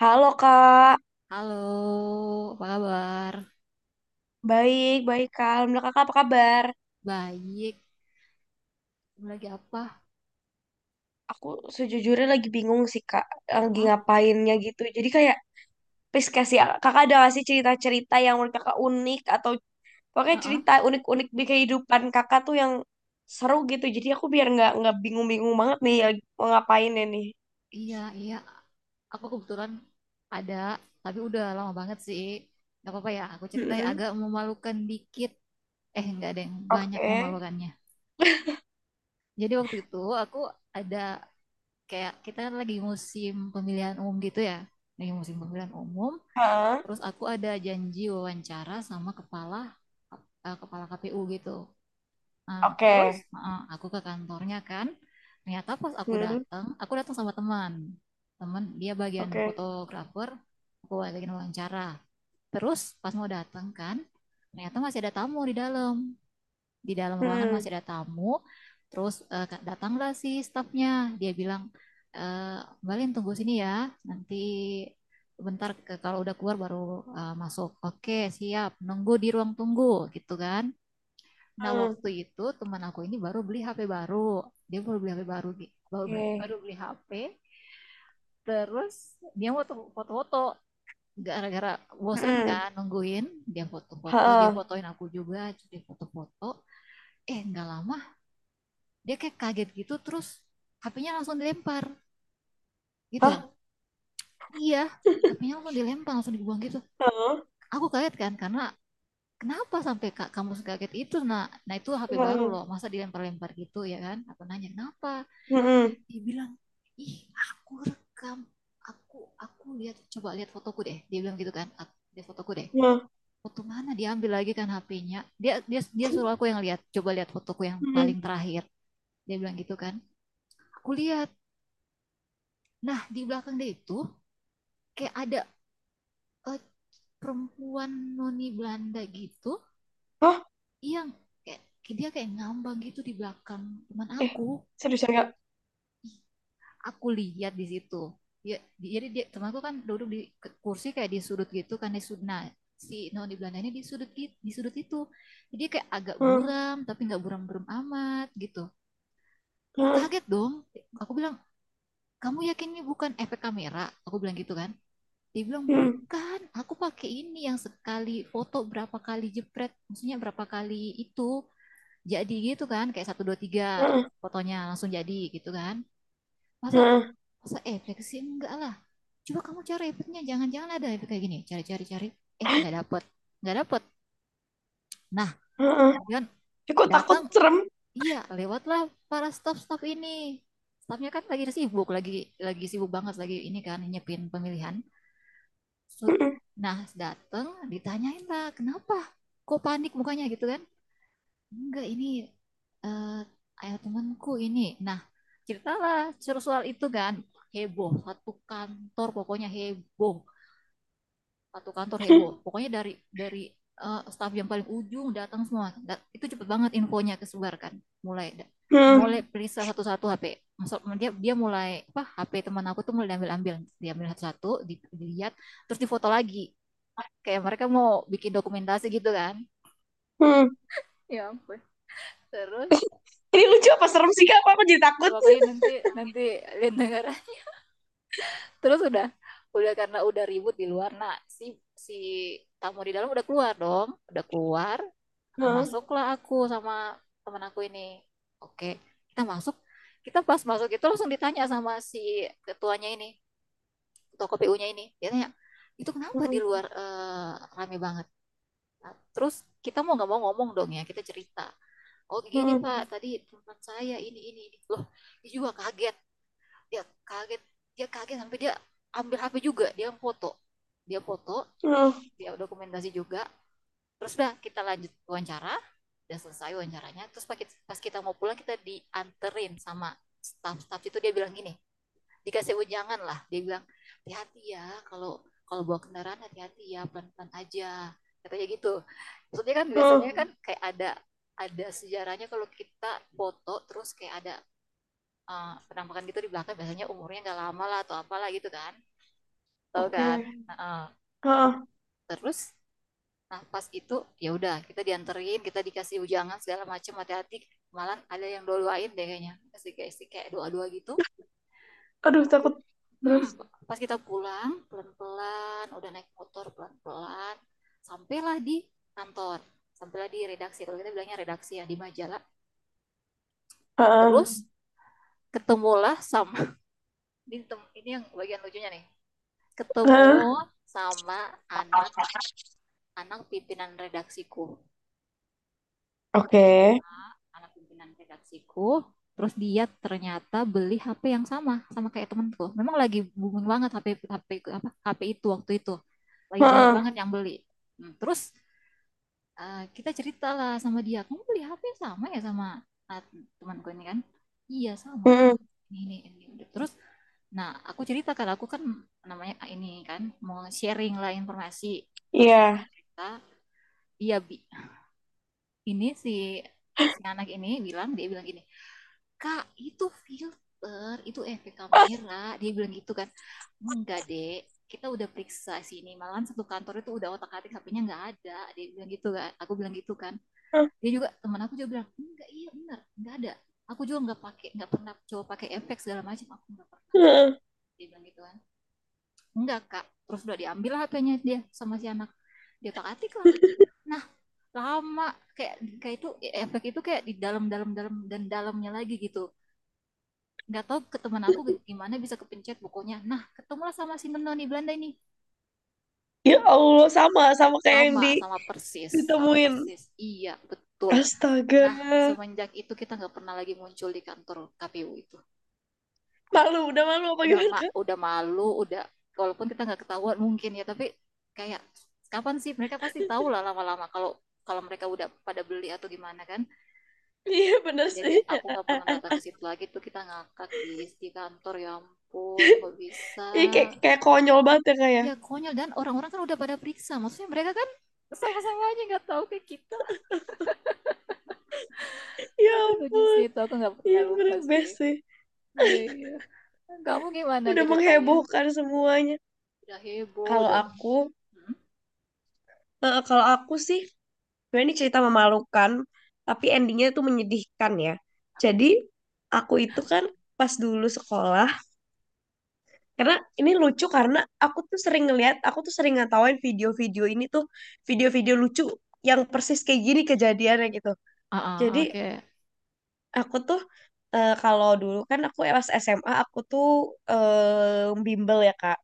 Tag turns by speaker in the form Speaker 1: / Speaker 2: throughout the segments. Speaker 1: Halo Kak,
Speaker 2: Halo, apa kabar?
Speaker 1: baik, baik Kak. Alhamdulillah Kakak apa kabar?
Speaker 2: Baik. Kamu lagi apa?
Speaker 1: Aku sejujurnya lagi bingung sih Kak, lagi
Speaker 2: Heeh,
Speaker 1: ngapainnya gitu. Jadi kayak, please kasih, Kakak ada nggak sih cerita-cerita yang menurut Kakak unik atau pokoknya
Speaker 2: heeh.
Speaker 1: cerita unik-unik di kehidupan Kakak tuh yang seru gitu. Jadi aku biar nggak bingung-bingung banget nih ya, mau ngapainnya nih.
Speaker 2: Iya, iya. Aku kebetulan ada, tapi udah lama banget sih. Gak apa-apa ya, aku cerita ya.
Speaker 1: Mm-mm.
Speaker 2: Agak memalukan dikit. Eh, nggak ada yang banyak
Speaker 1: Oke.
Speaker 2: memalukannya. Jadi waktu itu aku ada kayak kita kan lagi musim pemilihan umum gitu ya. Lagi musim pemilihan umum.
Speaker 1: Heeh.
Speaker 2: Terus aku ada janji wawancara sama kepala kepala KPU gitu. Nah,
Speaker 1: Oke.
Speaker 2: terus heeh, aku ke kantornya kan. Ternyata pas
Speaker 1: Mm-mm.
Speaker 2: aku datang sama teman. Teman dia bagian
Speaker 1: Oke.
Speaker 2: fotografer, aku bagian wawancara. Terus pas mau datang kan, ternyata masih ada tamu di dalam. Di dalam ruangan masih
Speaker 1: Mm-mm.
Speaker 2: ada tamu. Terus ka- datanglah si stafnya. Dia bilang, eh, Mbak Lin tunggu sini ya. Nanti bentar ke, kalau udah keluar baru masuk. Oke, siap. Nunggu di ruang tunggu gitu kan. Nah,
Speaker 1: Mm.
Speaker 2: waktu itu teman aku ini baru beli HP baru. Dia baru beli HP baru, Gi. Baru, baru
Speaker 1: Oke.
Speaker 2: beli HP. Terus dia mau foto-foto. Gara-gara bosan
Speaker 1: Mm-mm.
Speaker 2: kan nungguin, dia foto-foto, dia
Speaker 1: Heeh.
Speaker 2: fotoin aku juga, jadi foto-foto. Eh, nggak lama, dia kayak kaget gitu, terus HP-nya langsung dilempar
Speaker 1: Hah?
Speaker 2: gitu. Iya, HP-nya langsung dilempar, langsung dibuang gitu.
Speaker 1: Heeh.
Speaker 2: Aku kaget kan, karena kenapa sampai kak kamu kaget itu nak, nah itu HP baru
Speaker 1: Heeh.
Speaker 2: loh, masa dilempar-lempar gitu ya kan, aku nanya kenapa.
Speaker 1: Heeh.
Speaker 2: Dia bilang ih, aku rekam, aku aku lihat, coba lihat fotoku deh, dia bilang gitu kan. Lihat fotoku deh,
Speaker 1: Heeh.
Speaker 2: foto mana, dia ambil lagi kan HP-nya, dia dia dia suruh aku yang lihat, coba lihat fotoku yang
Speaker 1: Heeh.
Speaker 2: paling terakhir, dia bilang gitu kan. Aku lihat, nah di belakang dia itu kayak ada eh, perempuan noni Belanda gitu,
Speaker 1: Hah?
Speaker 2: yang kayak dia kayak ngambang gitu di belakang teman
Speaker 1: Eh,
Speaker 2: aku.
Speaker 1: seriusan nggak?
Speaker 2: Aku lihat di situ ya, jadi dia temanku kan duduk di kursi kayak di sudut gitu kan, di sudut. Nah, si non di Belanda ini di sudut, di sudut itu, jadi kayak agak
Speaker 1: Heeh.
Speaker 2: buram tapi nggak buram-buram amat gitu. Aku
Speaker 1: Heeh.
Speaker 2: kaget dong. Aku bilang, kamu yakin ini bukan efek kamera, aku bilang gitu kan. Dia bilang
Speaker 1: Heeh.
Speaker 2: bukan, aku pakai ini yang sekali foto berapa kali jepret, maksudnya berapa kali itu, jadi gitu kan kayak satu dua tiga,
Speaker 1: Heeh.
Speaker 2: fotonya langsung jadi gitu kan. Masa,
Speaker 1: Heeh.
Speaker 2: masa efek sih, enggak lah. Coba kamu cari efeknya, jangan-jangan ada efek kayak gini, cari-cari cari, eh nggak dapet, nggak dapet. Nah,
Speaker 1: Heeh.
Speaker 2: kemudian
Speaker 1: Eh, kok takut
Speaker 2: datang,
Speaker 1: serem?
Speaker 2: iya lewatlah para staff-staff ini. Staffnya kan lagi sibuk, lagi sibuk banget lagi, ini kan nyiapin pemilihan. So-
Speaker 1: Heeh.
Speaker 2: nah datang, ditanyain lah kenapa, kok panik mukanya gitu kan. Enggak, ini eh ayah temanku ini. Nah, ceritalah suruh soal itu kan, heboh, satu kantor pokoknya heboh, satu kantor heboh. Pokoknya dari staf yang paling ujung datang semua. Da- itu cepet banget infonya kesebarkan. Mulai da-
Speaker 1: Heeh.
Speaker 2: mulai periksa satu-satu HP. Maksud dia dia mulai apa, HP teman aku tuh mulai diambil-ambil, diambil satu-satu, di- dilihat, terus difoto lagi. Kayak mereka mau bikin dokumentasi gitu kan.
Speaker 1: Heeh.
Speaker 2: Ya ampun. Terus
Speaker 1: Ini lucu apa serem sih Kak? Apa aku jadi takut?
Speaker 2: pokoknya nanti, nanti lihat negara. Terus udah karena udah ribut di luar, nah si si tamu di dalam udah keluar dong, udah keluar. Nah,
Speaker 1: Heeh.
Speaker 2: masuklah aku sama teman aku ini. Oke, kita masuk. Kita pas masuk itu langsung ditanya sama si ketuanya ini, ketua KPU-nya ini, dia tanya itu kenapa di
Speaker 1: Heeh.
Speaker 2: luar rame banget. Nah, terus kita mau nggak mau ngomong dong ya, kita cerita, oh gini
Speaker 1: Heeh.
Speaker 2: pak, tadi teman saya ini loh, dia juga kaget, dia kaget dia kaget sampai dia ambil HP juga, dia foto, dia foto
Speaker 1: Heeh.
Speaker 2: dia dokumentasi juga. Terus udah kita lanjut wawancara, dan selesai wawancaranya. Terus pas kita mau pulang kita dianterin sama staff-staff itu, dia bilang gini, dikasih ujangan lah, dia bilang hati-hati ya, kalau kalau bawa kendaraan hati-hati ya, pelan-pelan aja, katanya gitu. Maksudnya kan
Speaker 1: Heeh.
Speaker 2: biasanya kan kayak ada sejarahnya, kalau kita foto terus kayak ada penampakan gitu di belakang, biasanya umurnya nggak lama lah, atau apalah gitu kan, tahu kan.
Speaker 1: Oke.
Speaker 2: Hmm. Nah,
Speaker 1: Heeh.
Speaker 2: terus nah pas itu ya udah, kita dianterin, kita dikasih ujangan segala macam, hati-hati, malah ada yang doain deh kayaknya, kasih kayak doa-doa gitu.
Speaker 1: Aduh,
Speaker 2: Nah,
Speaker 1: takut. Terus.
Speaker 2: pas kita pulang pelan-pelan, udah naik motor pelan-pelan, sampailah di kantor, sampailah di redaksi, kalau kita bilangnya redaksi ya, di majalah.
Speaker 1: Heeh.
Speaker 2: Terus ketemulah sama di tem- ini yang bagian lucunya nih,
Speaker 1: Heeh.
Speaker 2: ketemu sama anak-anak pimpinan redaksiku.
Speaker 1: Oke.
Speaker 2: Anak pimpinan redaksiku, terus dia ternyata beli HP yang sama, sama kayak temanku. Memang lagi booming banget HP, HP apa HP itu waktu itu. Lagi banyak
Speaker 1: Heeh.
Speaker 2: banget yang beli. Hmm. Terus kita cerita lah sama dia, kamu beli HP sama ya sama ah, temanku ini kan? Iya sama kak.
Speaker 1: Heeh.
Speaker 2: Ini ini, ini. Terus nah, aku cerita kan, aku kan namanya ini kan mau sharing lah informasi. Terus
Speaker 1: Iya.
Speaker 2: aku cerita, iya, Bi. Ini si si anak ini bilang, dia bilang gini, Kak, itu filter, itu efek
Speaker 1: Ah.
Speaker 2: kamera. Dia bilang gitu kan. Enggak, Dek. Kita udah periksa sini. Malahan satu kantor itu udah otak-atik HP-nya, nggak ada. Dia bilang gitu kan. Aku bilang gitu kan. Dia juga, teman aku juga bilang, enggak, iya benar, nggak ada. Aku juga nggak pakai, nggak pernah coba pakai efek segala macam. Aku nggak pernah.
Speaker 1: Heeh.
Speaker 2: Dia bilang gitu kan. Enggak, Kak. Terus udah diambil HP-nya dia sama si anak. Dia otak-atik lah. Nah, lama kayak, kayak itu e, efek itu kayak di dalam dalam dalam dan dalamnya lagi gitu, nggak tahu ke teman aku gimana bisa kepencet bukunya. Nah ketemulah sama si menoni Belanda ini,
Speaker 1: Ya Allah, sama sama kayak yang
Speaker 2: sama sama persis, sama
Speaker 1: ditemuin.
Speaker 2: persis, iya betul.
Speaker 1: Astaga.
Speaker 2: Nah, semenjak itu kita nggak pernah lagi muncul di kantor KPU itu.
Speaker 1: Malu, udah malu apa
Speaker 2: Udah
Speaker 1: gimana,
Speaker 2: ma
Speaker 1: Kak?
Speaker 2: udah malu udah, walaupun kita nggak ketahuan mungkin ya, tapi kayak kapan sih mereka pasti tahu lah lama-lama, kalau kalau mereka udah pada beli atau gimana kan.
Speaker 1: Iya, bener
Speaker 2: Jadi
Speaker 1: sih.
Speaker 2: aku nggak pernah datang ke situ lagi, tuh kita ngakak di kantor, ya ampun nggak bisa.
Speaker 1: Iya, kayak, kayak konyol banget ya, Kak, ya.
Speaker 2: Ya konyol, dan orang-orang kan udah pada periksa, maksudnya mereka kan sama-sama aja nggak tahu ke kita.
Speaker 1: Ya
Speaker 2: Aduh lucu sih
Speaker 1: ampun.
Speaker 2: itu, aku nggak
Speaker 1: Iya,
Speaker 2: pernah lupa
Speaker 1: bener
Speaker 2: sih.
Speaker 1: best sih.
Speaker 2: Iya, iya. Kamu gimana
Speaker 1: Udah
Speaker 2: ceritanya?
Speaker 1: menghebohkan semuanya.
Speaker 2: Udah heboh
Speaker 1: Kalau
Speaker 2: udah.
Speaker 1: aku,
Speaker 2: Hmm?
Speaker 1: kalau aku sih, sebenarnya ini cerita memalukan, tapi endingnya itu menyedihkan ya. Jadi, aku itu kan pas dulu sekolah, karena ini lucu karena aku tuh sering ngeliat, aku tuh sering ngatawain video-video ini tuh, video-video lucu yang persis kayak gini kejadiannya gitu.
Speaker 2: Ah ah,
Speaker 1: Jadi
Speaker 2: ah, oke.
Speaker 1: aku tuh kalau dulu kan aku pas SMA aku tuh bimbel ya Kak.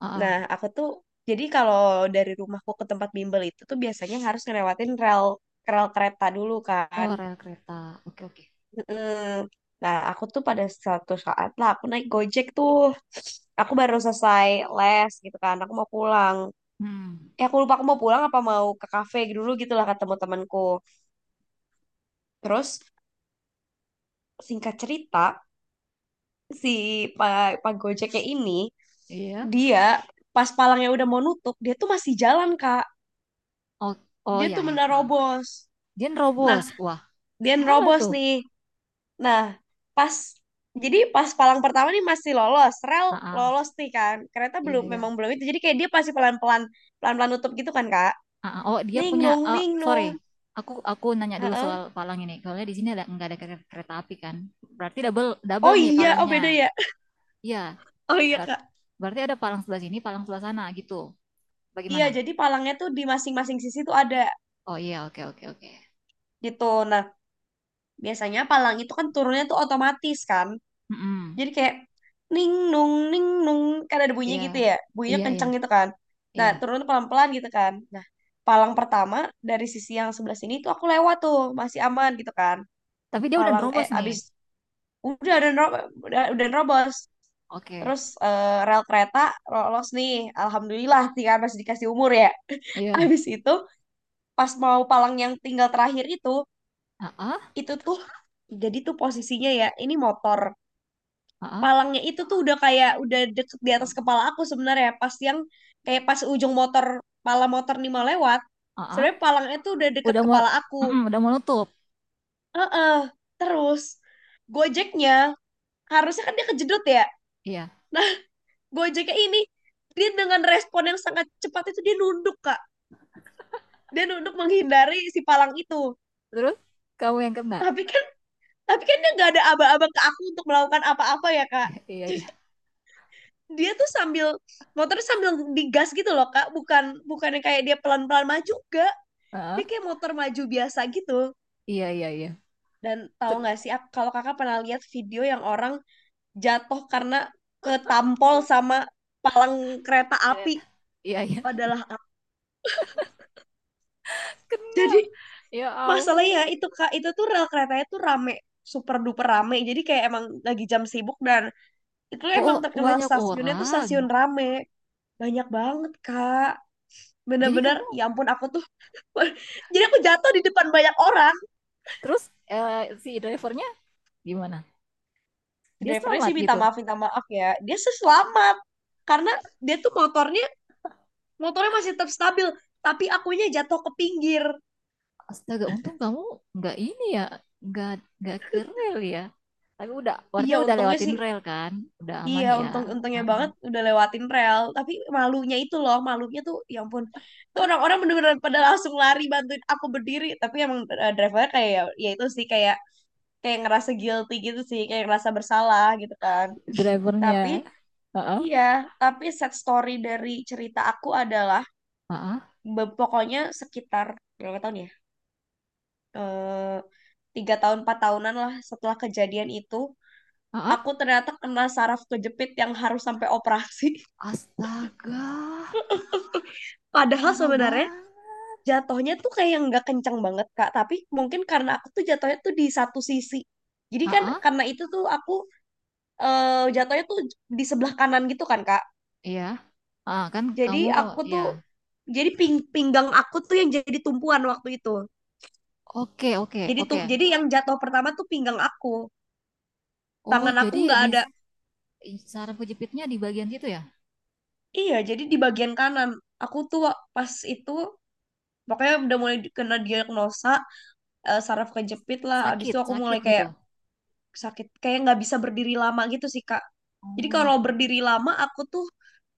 Speaker 2: Ah ah.
Speaker 1: Nah aku tuh jadi kalau dari rumahku ke tempat bimbel itu tuh biasanya harus ngelewatin rel rel kereta dulu kan.
Speaker 2: Oh rel kereta, oke oke.
Speaker 1: Mm. Nah aku tuh pada suatu saat lah aku naik Gojek tuh. Aku baru selesai les gitu kan. Aku mau pulang.
Speaker 2: Hmm.
Speaker 1: Eh aku lupa aku mau pulang apa mau ke kafe dulu gitu lah kata teman-temanku. Terus singkat cerita si Pak Pak Gojeknya ini
Speaker 2: Iya.
Speaker 1: dia pas palangnya udah mau nutup dia tuh masih jalan Kak,
Speaker 2: Oh, oh
Speaker 1: dia
Speaker 2: ya
Speaker 1: tuh
Speaker 2: ya ah.
Speaker 1: menerobos.
Speaker 2: Dia
Speaker 1: Nah,
Speaker 2: nerobos, wah
Speaker 1: dia
Speaker 2: parah
Speaker 1: nerobos
Speaker 2: tuh.
Speaker 1: nih. Nah pas, jadi pas palang pertama nih masih lolos rel,
Speaker 2: Ah ah.
Speaker 1: lolos nih, kan kereta
Speaker 2: Iya,
Speaker 1: belum,
Speaker 2: iya.
Speaker 1: memang belum itu, jadi kayak dia pasti pelan-pelan, pelan-pelan nutup gitu kan Kak,
Speaker 2: Ah, ah. Oh dia
Speaker 1: ning
Speaker 2: punya
Speaker 1: nung
Speaker 2: eh
Speaker 1: ning
Speaker 2: sorry,
Speaker 1: nung.
Speaker 2: aku nanya dulu soal
Speaker 1: Heeh.
Speaker 2: Palang ini, soalnya di sini ada nggak ada kere- kereta api kan. Berarti double double
Speaker 1: Oh
Speaker 2: nih
Speaker 1: iya, oh
Speaker 2: Palangnya.
Speaker 1: beda ya.
Speaker 2: Iya.
Speaker 1: Oh iya
Speaker 2: Ber-
Speaker 1: Kak.
Speaker 2: berarti ada Palang sebelah sini Palang sebelah sana gitu,
Speaker 1: Iya
Speaker 2: bagaimana?
Speaker 1: jadi palangnya tuh di masing-masing sisi tuh ada
Speaker 2: Oh iya, oke oke oke.
Speaker 1: gitu. Nah biasanya palang itu kan turunnya tuh otomatis kan.
Speaker 2: Mm-mm.
Speaker 1: Jadi kayak ning nung ning nung, kan ada bunyinya
Speaker 2: iya
Speaker 1: gitu ya. Bunyinya
Speaker 2: iya iya
Speaker 1: kenceng gitu kan. Nah,
Speaker 2: iya.
Speaker 1: turun tuh pelan-pelan gitu kan. Nah, palang pertama dari sisi yang sebelah sini tuh aku lewat tuh, masih aman gitu kan.
Speaker 2: Tapi dia udah
Speaker 1: Palang eh
Speaker 2: nerobos nih.
Speaker 1: abis udah nerobos, udah nerobos.
Speaker 2: Oke.
Speaker 1: Terus rel kereta lolos nih. Alhamdulillah sih kan masih dikasih umur ya.
Speaker 2: Iya.
Speaker 1: Abis itu pas mau palang yang tinggal terakhir
Speaker 2: Ah ah.
Speaker 1: itu tuh jadi tuh posisinya ya, ini motor.
Speaker 2: Ah ah.
Speaker 1: Palangnya itu tuh udah kayak udah deket di atas kepala aku sebenarnya pas yang kayak pas ujung motor, pala motor nih mau lewat,
Speaker 2: Ah, ah.
Speaker 1: sebenarnya palangnya tuh udah deket
Speaker 2: Udah mau,
Speaker 1: kepala aku.
Speaker 2: mm-mm, udah mau nutup.
Speaker 1: Heeh. Terus gojeknya harusnya kan dia kejedot ya.
Speaker 2: Iya.
Speaker 1: Nah, gojeknya ini, dia dengan respon yang sangat cepat itu dia nunduk kak, dia nunduk menghindari si palang itu.
Speaker 2: Terus kamu yang kena.
Speaker 1: Tapi kan, tapi kan dia nggak ada aba-aba ke aku untuk melakukan apa-apa ya kak.
Speaker 2: Iya, iya.
Speaker 1: Dia tuh sambil motor sambil digas gitu loh kak, bukan bukan yang kayak dia pelan pelan maju, enggak.
Speaker 2: Ah
Speaker 1: Dia
Speaker 2: ah.
Speaker 1: kayak motor maju biasa gitu.
Speaker 2: Iya, iya.
Speaker 1: Dan tahu
Speaker 2: Ter-
Speaker 1: nggak sih kalau kakak pernah lihat video yang orang jatuh karena ketampol sama palang kereta api,
Speaker 2: ternyata, iya, iya.
Speaker 1: adalah aku.
Speaker 2: Kena,
Speaker 1: Jadi
Speaker 2: ya
Speaker 1: masalahnya
Speaker 2: ampun.
Speaker 1: itu kak, itu tuh rel keretanya tuh rame, super duper rame, jadi kayak emang lagi jam sibuk, dan itu
Speaker 2: Oh, oh,
Speaker 1: emang terkenal
Speaker 2: banyak
Speaker 1: stasiunnya tuh
Speaker 2: orang.
Speaker 1: stasiun rame, banyak banget kak,
Speaker 2: Jadi
Speaker 1: bener-bener
Speaker 2: kamu,
Speaker 1: ya ampun aku tuh jadi aku jatuh di depan banyak orang.
Speaker 2: terus eh, si drivernya gimana, dia
Speaker 1: Drivernya
Speaker 2: selamat
Speaker 1: sih
Speaker 2: gitu?
Speaker 1: minta maaf ya. Dia sih selamat. Karena dia tuh motornya, motornya masih tetap stabil. Tapi akunya jatuh ke pinggir.
Speaker 2: Astaga, untung kamu nggak ini ya, nggak nggak ke rel ya. Tapi udah
Speaker 1: Iya,
Speaker 2: warnanya udah
Speaker 1: untungnya
Speaker 2: lewatin
Speaker 1: sih.
Speaker 2: rel kan. Udah aman
Speaker 1: Iya,
Speaker 2: ya.
Speaker 1: untung-untungnya
Speaker 2: Uh-uh.
Speaker 1: banget udah lewatin rel. Tapi malunya itu loh, malunya tuh, ya ampun. Itu orang-orang bener-bener pada langsung lari bantuin aku berdiri. Tapi emang drivernya kayak, ya, ya itu sih kayak, kayak ngerasa guilty gitu sih, kayak ngerasa bersalah gitu kan. Tapi
Speaker 2: Drivernya. Heeh.
Speaker 1: iya, tapi sad story dari cerita aku adalah
Speaker 2: Heeh.
Speaker 1: pokoknya sekitar berapa tahun ya? Eh, 3 tahun 4 tahunan lah setelah kejadian itu,
Speaker 2: Heeh.
Speaker 1: aku ternyata kena saraf kejepit yang harus sampai operasi.
Speaker 2: Astaga,
Speaker 1: Padahal
Speaker 2: parah
Speaker 1: sebenarnya
Speaker 2: banget.
Speaker 1: jatuhnya tuh kayak nggak kencang banget Kak, tapi mungkin karena aku tuh jatuhnya tuh di satu sisi. Jadi kan
Speaker 2: Heeh,
Speaker 1: karena itu tuh aku jatuhnya tuh di sebelah kanan gitu kan Kak.
Speaker 2: iya. Ah, kan kamu,
Speaker 1: Jadi aku
Speaker 2: ya.
Speaker 1: tuh, jadi pinggang aku tuh yang jadi tumpuan waktu itu.
Speaker 2: Oke, oke,
Speaker 1: Jadi tuh
Speaker 2: oke.
Speaker 1: jadi yang jatuh pertama tuh pinggang aku.
Speaker 2: Oh,
Speaker 1: Tangan aku
Speaker 2: jadi
Speaker 1: nggak
Speaker 2: di,
Speaker 1: ada.
Speaker 2: saraf kejepitnya di bagian situ ya?
Speaker 1: Iya, jadi di bagian kanan. Aku tuh pas itu pokoknya udah mulai kena diagnosa saraf kejepit lah. Abis
Speaker 2: Sakit,
Speaker 1: itu aku mulai
Speaker 2: sakit gitu.
Speaker 1: kayak sakit, kayak nggak bisa berdiri lama gitu sih, Kak. Jadi kalau
Speaker 2: Oh,
Speaker 1: berdiri lama aku tuh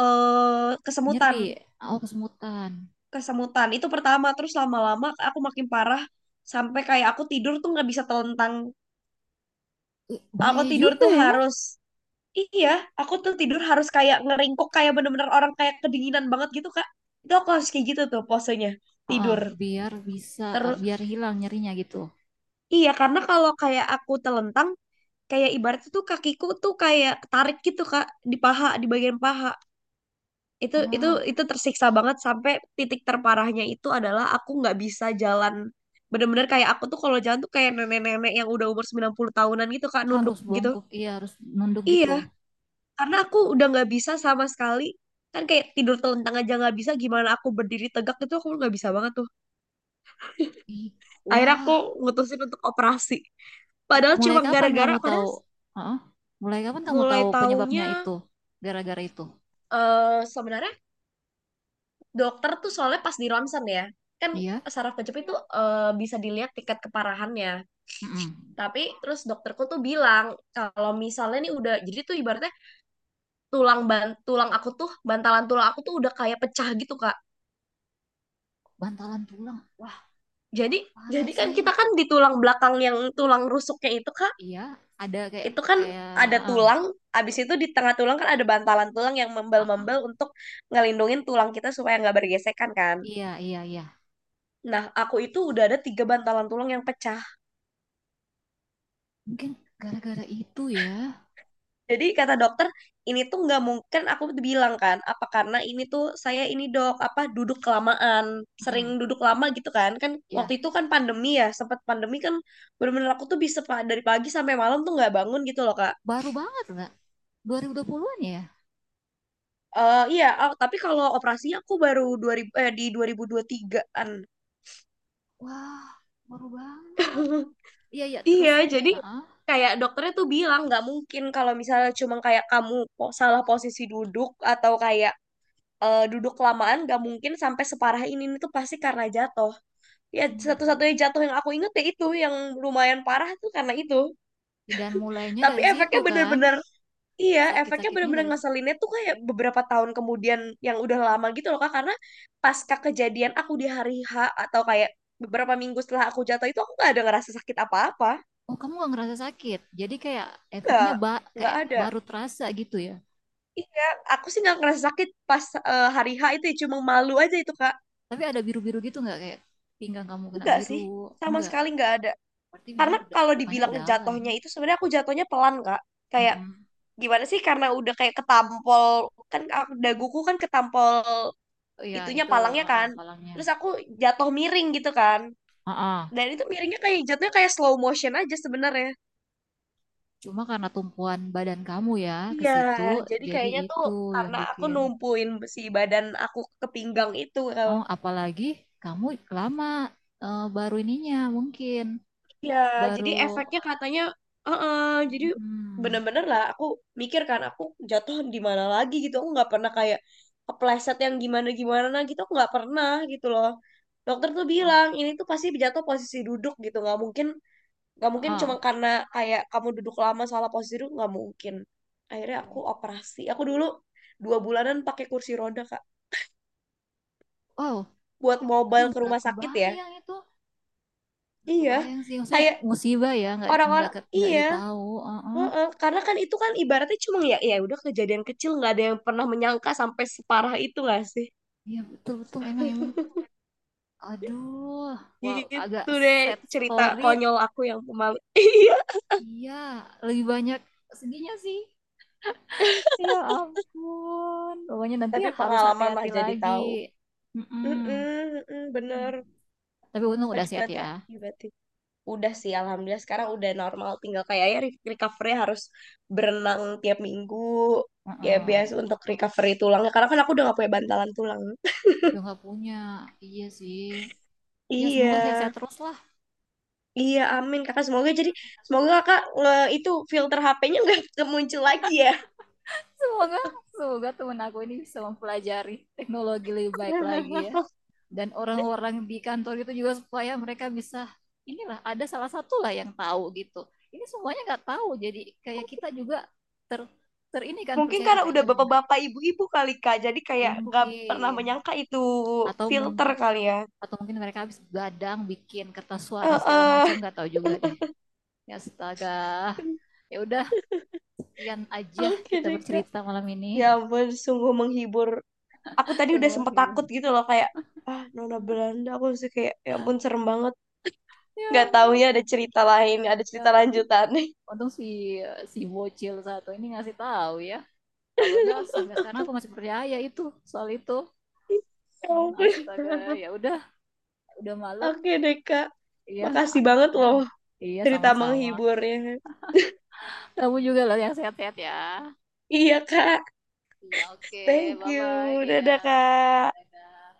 Speaker 1: kesemutan,
Speaker 2: nyeri. Oh, kesemutan.
Speaker 1: kesemutan. Itu pertama, terus lama-lama aku makin parah sampai kayak aku tidur tuh nggak bisa telentang.
Speaker 2: Eh,
Speaker 1: Aku
Speaker 2: bahaya
Speaker 1: tidur
Speaker 2: juga
Speaker 1: tuh
Speaker 2: ya.
Speaker 1: harus, iya, aku tuh tidur harus kayak ngeringkuk kayak bener-bener orang kayak kedinginan banget gitu, Kak. Itu aku harus kayak gitu tuh posenya,
Speaker 2: Heeh,
Speaker 1: tidur.
Speaker 2: biar bisa,
Speaker 1: Terus
Speaker 2: biar hilang nyerinya gitu.
Speaker 1: iya, karena kalau kayak aku telentang, kayak ibaratnya tuh kakiku tuh kayak tarik gitu, Kak, di paha, di bagian paha. Itu itu
Speaker 2: Wah,
Speaker 1: itu tersiksa banget sampai titik terparahnya itu adalah aku nggak bisa jalan. Bener-bener kayak aku tuh kalau jalan tuh kayak nenek-nenek yang udah umur 90-an gitu, Kak, nunduk
Speaker 2: harus
Speaker 1: gitu.
Speaker 2: bongkok, iya harus nunduk gitu.
Speaker 1: Iya, karena aku udah nggak bisa sama sekali, kan kayak tidur telentang aja nggak bisa gimana aku berdiri tegak, itu aku nggak bisa banget tuh.
Speaker 2: Ih,
Speaker 1: Akhirnya aku
Speaker 2: wah,
Speaker 1: ngutusin untuk operasi, padahal
Speaker 2: mulai
Speaker 1: cuma
Speaker 2: kapan
Speaker 1: gara-gara,
Speaker 2: kamu tahu?
Speaker 1: padahal
Speaker 2: Heeh, mulai kapan kamu
Speaker 1: mulai
Speaker 2: tahu penyebabnya
Speaker 1: taunya
Speaker 2: itu? Gara-gara itu?
Speaker 1: sebenarnya dokter tuh soalnya pas di ronsen ya kan,
Speaker 2: Iya.
Speaker 1: saraf kejepit tuh bisa dilihat tingkat keparahannya.
Speaker 2: Mm-mm.
Speaker 1: Tapi terus dokterku tuh bilang kalau misalnya nih udah jadi tuh ibaratnya tulang aku tuh, bantalan tulang aku tuh udah kayak pecah gitu kak.
Speaker 2: Bantalan tulang. Wah,
Speaker 1: Jadi,
Speaker 2: parah
Speaker 1: jadi kan
Speaker 2: sih.
Speaker 1: kita kan di tulang belakang yang tulang rusuknya itu Kak,
Speaker 2: Iya, ada kayak
Speaker 1: itu kan
Speaker 2: kayak.
Speaker 1: ada
Speaker 2: Ah,
Speaker 1: tulang, abis itu di tengah tulang kan ada bantalan tulang yang
Speaker 2: ah, ah.
Speaker 1: membel-membel untuk ngelindungin tulang kita supaya nggak bergesekan kan.
Speaker 2: Iya, iya, iya.
Speaker 1: Nah, aku itu udah ada 3 bantalan tulang yang pecah.
Speaker 2: Mungkin gara-gara itu ya.
Speaker 1: Jadi kata dokter, ini tuh nggak mungkin kan aku bilang kan, apa karena ini tuh saya ini dok, apa duduk kelamaan, sering
Speaker 2: Mm-mm.
Speaker 1: duduk lama gitu kan. Kan waktu
Speaker 2: Ya,
Speaker 1: itu kan pandemi ya, sempat pandemi kan, bener-bener aku tuh bisa dari pagi sampai malam tuh nggak bangun gitu loh Kak.
Speaker 2: baru banget nggak? 2020 puluhan ya?
Speaker 1: Iya, tapi kalau operasinya aku baru 2000 eh di 2023-an.
Speaker 2: Wah, baru banget. Iya, iya,
Speaker 1: Iya,
Speaker 2: terus.
Speaker 1: jadi
Speaker 2: Heeh.
Speaker 1: kayak dokternya tuh bilang nggak mungkin kalau misalnya cuma kayak kamu salah posisi duduk atau kayak duduk kelamaan nggak mungkin sampai separah ini tuh pasti karena jatuh. Ya satu-satunya
Speaker 2: Hmm.
Speaker 1: jatuh yang aku inget ya itu yang lumayan parah tuh karena itu.
Speaker 2: Dan mulainya
Speaker 1: Tapi
Speaker 2: dari situ
Speaker 1: efeknya
Speaker 2: kan.
Speaker 1: bener-bener, iya, efeknya
Speaker 2: Sakit-sakitnya
Speaker 1: bener-bener
Speaker 2: dari situ.
Speaker 1: ngeselinnya tuh kayak beberapa tahun kemudian yang udah lama gitu loh Kak. Karena pasca kejadian aku di hari H atau kayak beberapa minggu setelah aku jatuh itu aku nggak ada ngerasa sakit apa-apa.
Speaker 2: Oh, kamu nggak ngerasa sakit. Jadi kayak
Speaker 1: Nggak,
Speaker 2: efeknya ba,
Speaker 1: nggak
Speaker 2: kayak
Speaker 1: ada.
Speaker 2: baru terasa gitu ya.
Speaker 1: Iya, aku sih nggak ngerasa sakit pas hari H itu ya, cuma malu aja itu Kak.
Speaker 2: Tapi ada biru-biru gitu nggak? Kayak pinggang kamu kena
Speaker 1: Enggak
Speaker 2: biru.
Speaker 1: sih, sama
Speaker 2: Enggak.
Speaker 1: sekali nggak ada.
Speaker 2: Berarti memang
Speaker 1: Karena
Speaker 2: keda-
Speaker 1: kalau
Speaker 2: lukanya
Speaker 1: dibilang
Speaker 2: dalam.
Speaker 1: jatuhnya itu sebenarnya aku jatuhnya pelan Kak. Kayak
Speaker 2: Mm-mm.
Speaker 1: gimana sih, karena udah kayak ketampol, kan daguku kan ketampol
Speaker 2: Oh iya,
Speaker 1: itunya
Speaker 2: itu
Speaker 1: palangnya kan.
Speaker 2: palangnya.
Speaker 1: Terus aku jatuh miring gitu kan.
Speaker 2: Heeh.
Speaker 1: Dan itu miringnya kayak jatuhnya kayak slow motion aja sebenarnya.
Speaker 2: Cuma karena tumpuan badan kamu ya ke
Speaker 1: Iya,
Speaker 2: situ,
Speaker 1: jadi
Speaker 2: jadi
Speaker 1: kayaknya tuh
Speaker 2: itu yang
Speaker 1: karena aku
Speaker 2: bikin.
Speaker 1: numpuin si badan aku ke pinggang itu. El.
Speaker 2: Oh, apalagi kamu lama baru ininya mungkin
Speaker 1: Iya,
Speaker 2: baru.
Speaker 1: jadi efeknya katanya, "Heeh, jadi
Speaker 2: Hmm,
Speaker 1: bener-bener lah aku mikir kan aku jatuh di mana lagi gitu. Aku nggak pernah kayak kepleset yang gimana-gimana gitu, aku nggak pernah gitu loh. Dokter tuh
Speaker 2: oh,
Speaker 1: bilang ini tuh pasti jatuh posisi duduk gitu, nggak mungkin, gak mungkin cuma
Speaker 2: ah,
Speaker 1: karena kayak kamu duduk lama salah posisi duduk nggak mungkin. Akhirnya aku
Speaker 2: oh,
Speaker 1: operasi, aku dulu 2 bulanan pakai kursi roda kak
Speaker 2: oh,
Speaker 1: buat
Speaker 2: aduh
Speaker 1: mobile ke
Speaker 2: nggak
Speaker 1: rumah sakit ya.
Speaker 2: kebayang itu, nggak
Speaker 1: Iya
Speaker 2: kebayang sih, maksudnya
Speaker 1: kayak
Speaker 2: musibah ya, nggak
Speaker 1: orang-orang
Speaker 2: ke- nggak
Speaker 1: iya,
Speaker 2: ditahu. Oh, oh.
Speaker 1: heeh. Karena kan itu kan ibaratnya cuma ya, ya udah kejadian kecil nggak ada yang pernah menyangka sampai separah itu nggak sih.
Speaker 2: Iya betul betul emang emang. Aduh, wow agak
Speaker 1: Gitu deh,
Speaker 2: sad
Speaker 1: cerita
Speaker 2: story.
Speaker 1: konyol aku yang pemalu. Iya,
Speaker 2: Iya, lebih banyak sedihnya sih. Ya ampun. Pokoknya nanti
Speaker 1: tapi
Speaker 2: ya harus
Speaker 1: pengalaman lah
Speaker 2: hati-hati
Speaker 1: jadi
Speaker 2: lagi.
Speaker 1: tahu.
Speaker 2: Mm-mm.
Speaker 1: Mm-mm, mm-mm, bener.
Speaker 2: Tapi untung
Speaker 1: Kak
Speaker 2: udah
Speaker 1: juga
Speaker 2: sehat ya.
Speaker 1: hati-hati berarti. Udah sih, alhamdulillah sekarang udah normal. Tinggal kayaknya recovery harus berenang tiap minggu. Ya biasa
Speaker 2: Mm-mm.
Speaker 1: untuk recovery tulangnya. Karena kan aku udah gak punya bantalan tulang.
Speaker 2: Udah nggak punya. Iya sih. Ya
Speaker 1: Iya,
Speaker 2: semoga sehat-sehat terus lah.
Speaker 1: iya amin kakak. Semoga
Speaker 2: Amin,
Speaker 1: jadi,
Speaker 2: amin.
Speaker 1: semoga kakak itu filter HP-nya nggak muncul lagi ya.
Speaker 2: Semoga, semoga temen aku ini bisa mempelajari teknologi lebih baik lagi ya. Dan orang-orang di kantor itu juga supaya mereka bisa, inilah ada salah satu lah yang tahu gitu. Ini semuanya nggak tahu. Jadi kayak kita juga ter, ter ini kan
Speaker 1: Mungkin
Speaker 2: percaya, ah,
Speaker 1: karena udah
Speaker 2: kayaknya benar.
Speaker 1: bapak-bapak ibu-ibu kali Kak, jadi kayak nggak pernah
Speaker 2: Mungkin.
Speaker 1: menyangka itu
Speaker 2: Atau
Speaker 1: filter
Speaker 2: mungkin,
Speaker 1: kali ya.
Speaker 2: atau mungkin mereka habis gadang bikin kertas suara
Speaker 1: Eh,
Speaker 2: segala macam,
Speaker 1: eh.
Speaker 2: nggak tahu juga deh. Ya astaga. Ya udah, sekian aja
Speaker 1: Oke
Speaker 2: kita
Speaker 1: deh kak.
Speaker 2: bercerita malam ini.
Speaker 1: Ya ampun, sungguh menghibur, aku tadi udah
Speaker 2: Sungguh
Speaker 1: sempet
Speaker 2: menghibur,
Speaker 1: takut gitu loh kayak ah, Nona Belanda, aku sih kayak ya ampun serem banget,
Speaker 2: ya
Speaker 1: nggak
Speaker 2: ampun.
Speaker 1: taunya ada cerita lain, ada
Speaker 2: Ya
Speaker 1: cerita
Speaker 2: untung,
Speaker 1: lanjutan.
Speaker 2: untung si si bocil satu ini ngasih tahu ya, kalau enggak sampai sekarang aku masih percaya itu, soal itu.
Speaker 1: Ya
Speaker 2: Hmm,
Speaker 1: ampun.
Speaker 2: astaga. Ya udah malam.
Speaker 1: Oke deh kak,
Speaker 2: Iya.
Speaker 1: makasih banget loh
Speaker 2: Iya
Speaker 1: cerita
Speaker 2: sama-sama.
Speaker 1: menghiburnya.
Speaker 2: Kamu juga loh yang sehat-sehat ya.
Speaker 1: Iya kak,
Speaker 2: Iya oke.
Speaker 1: thank
Speaker 2: Bye bye,
Speaker 1: you.
Speaker 2: iya.
Speaker 1: Dadah kak.
Speaker 2: Dadah.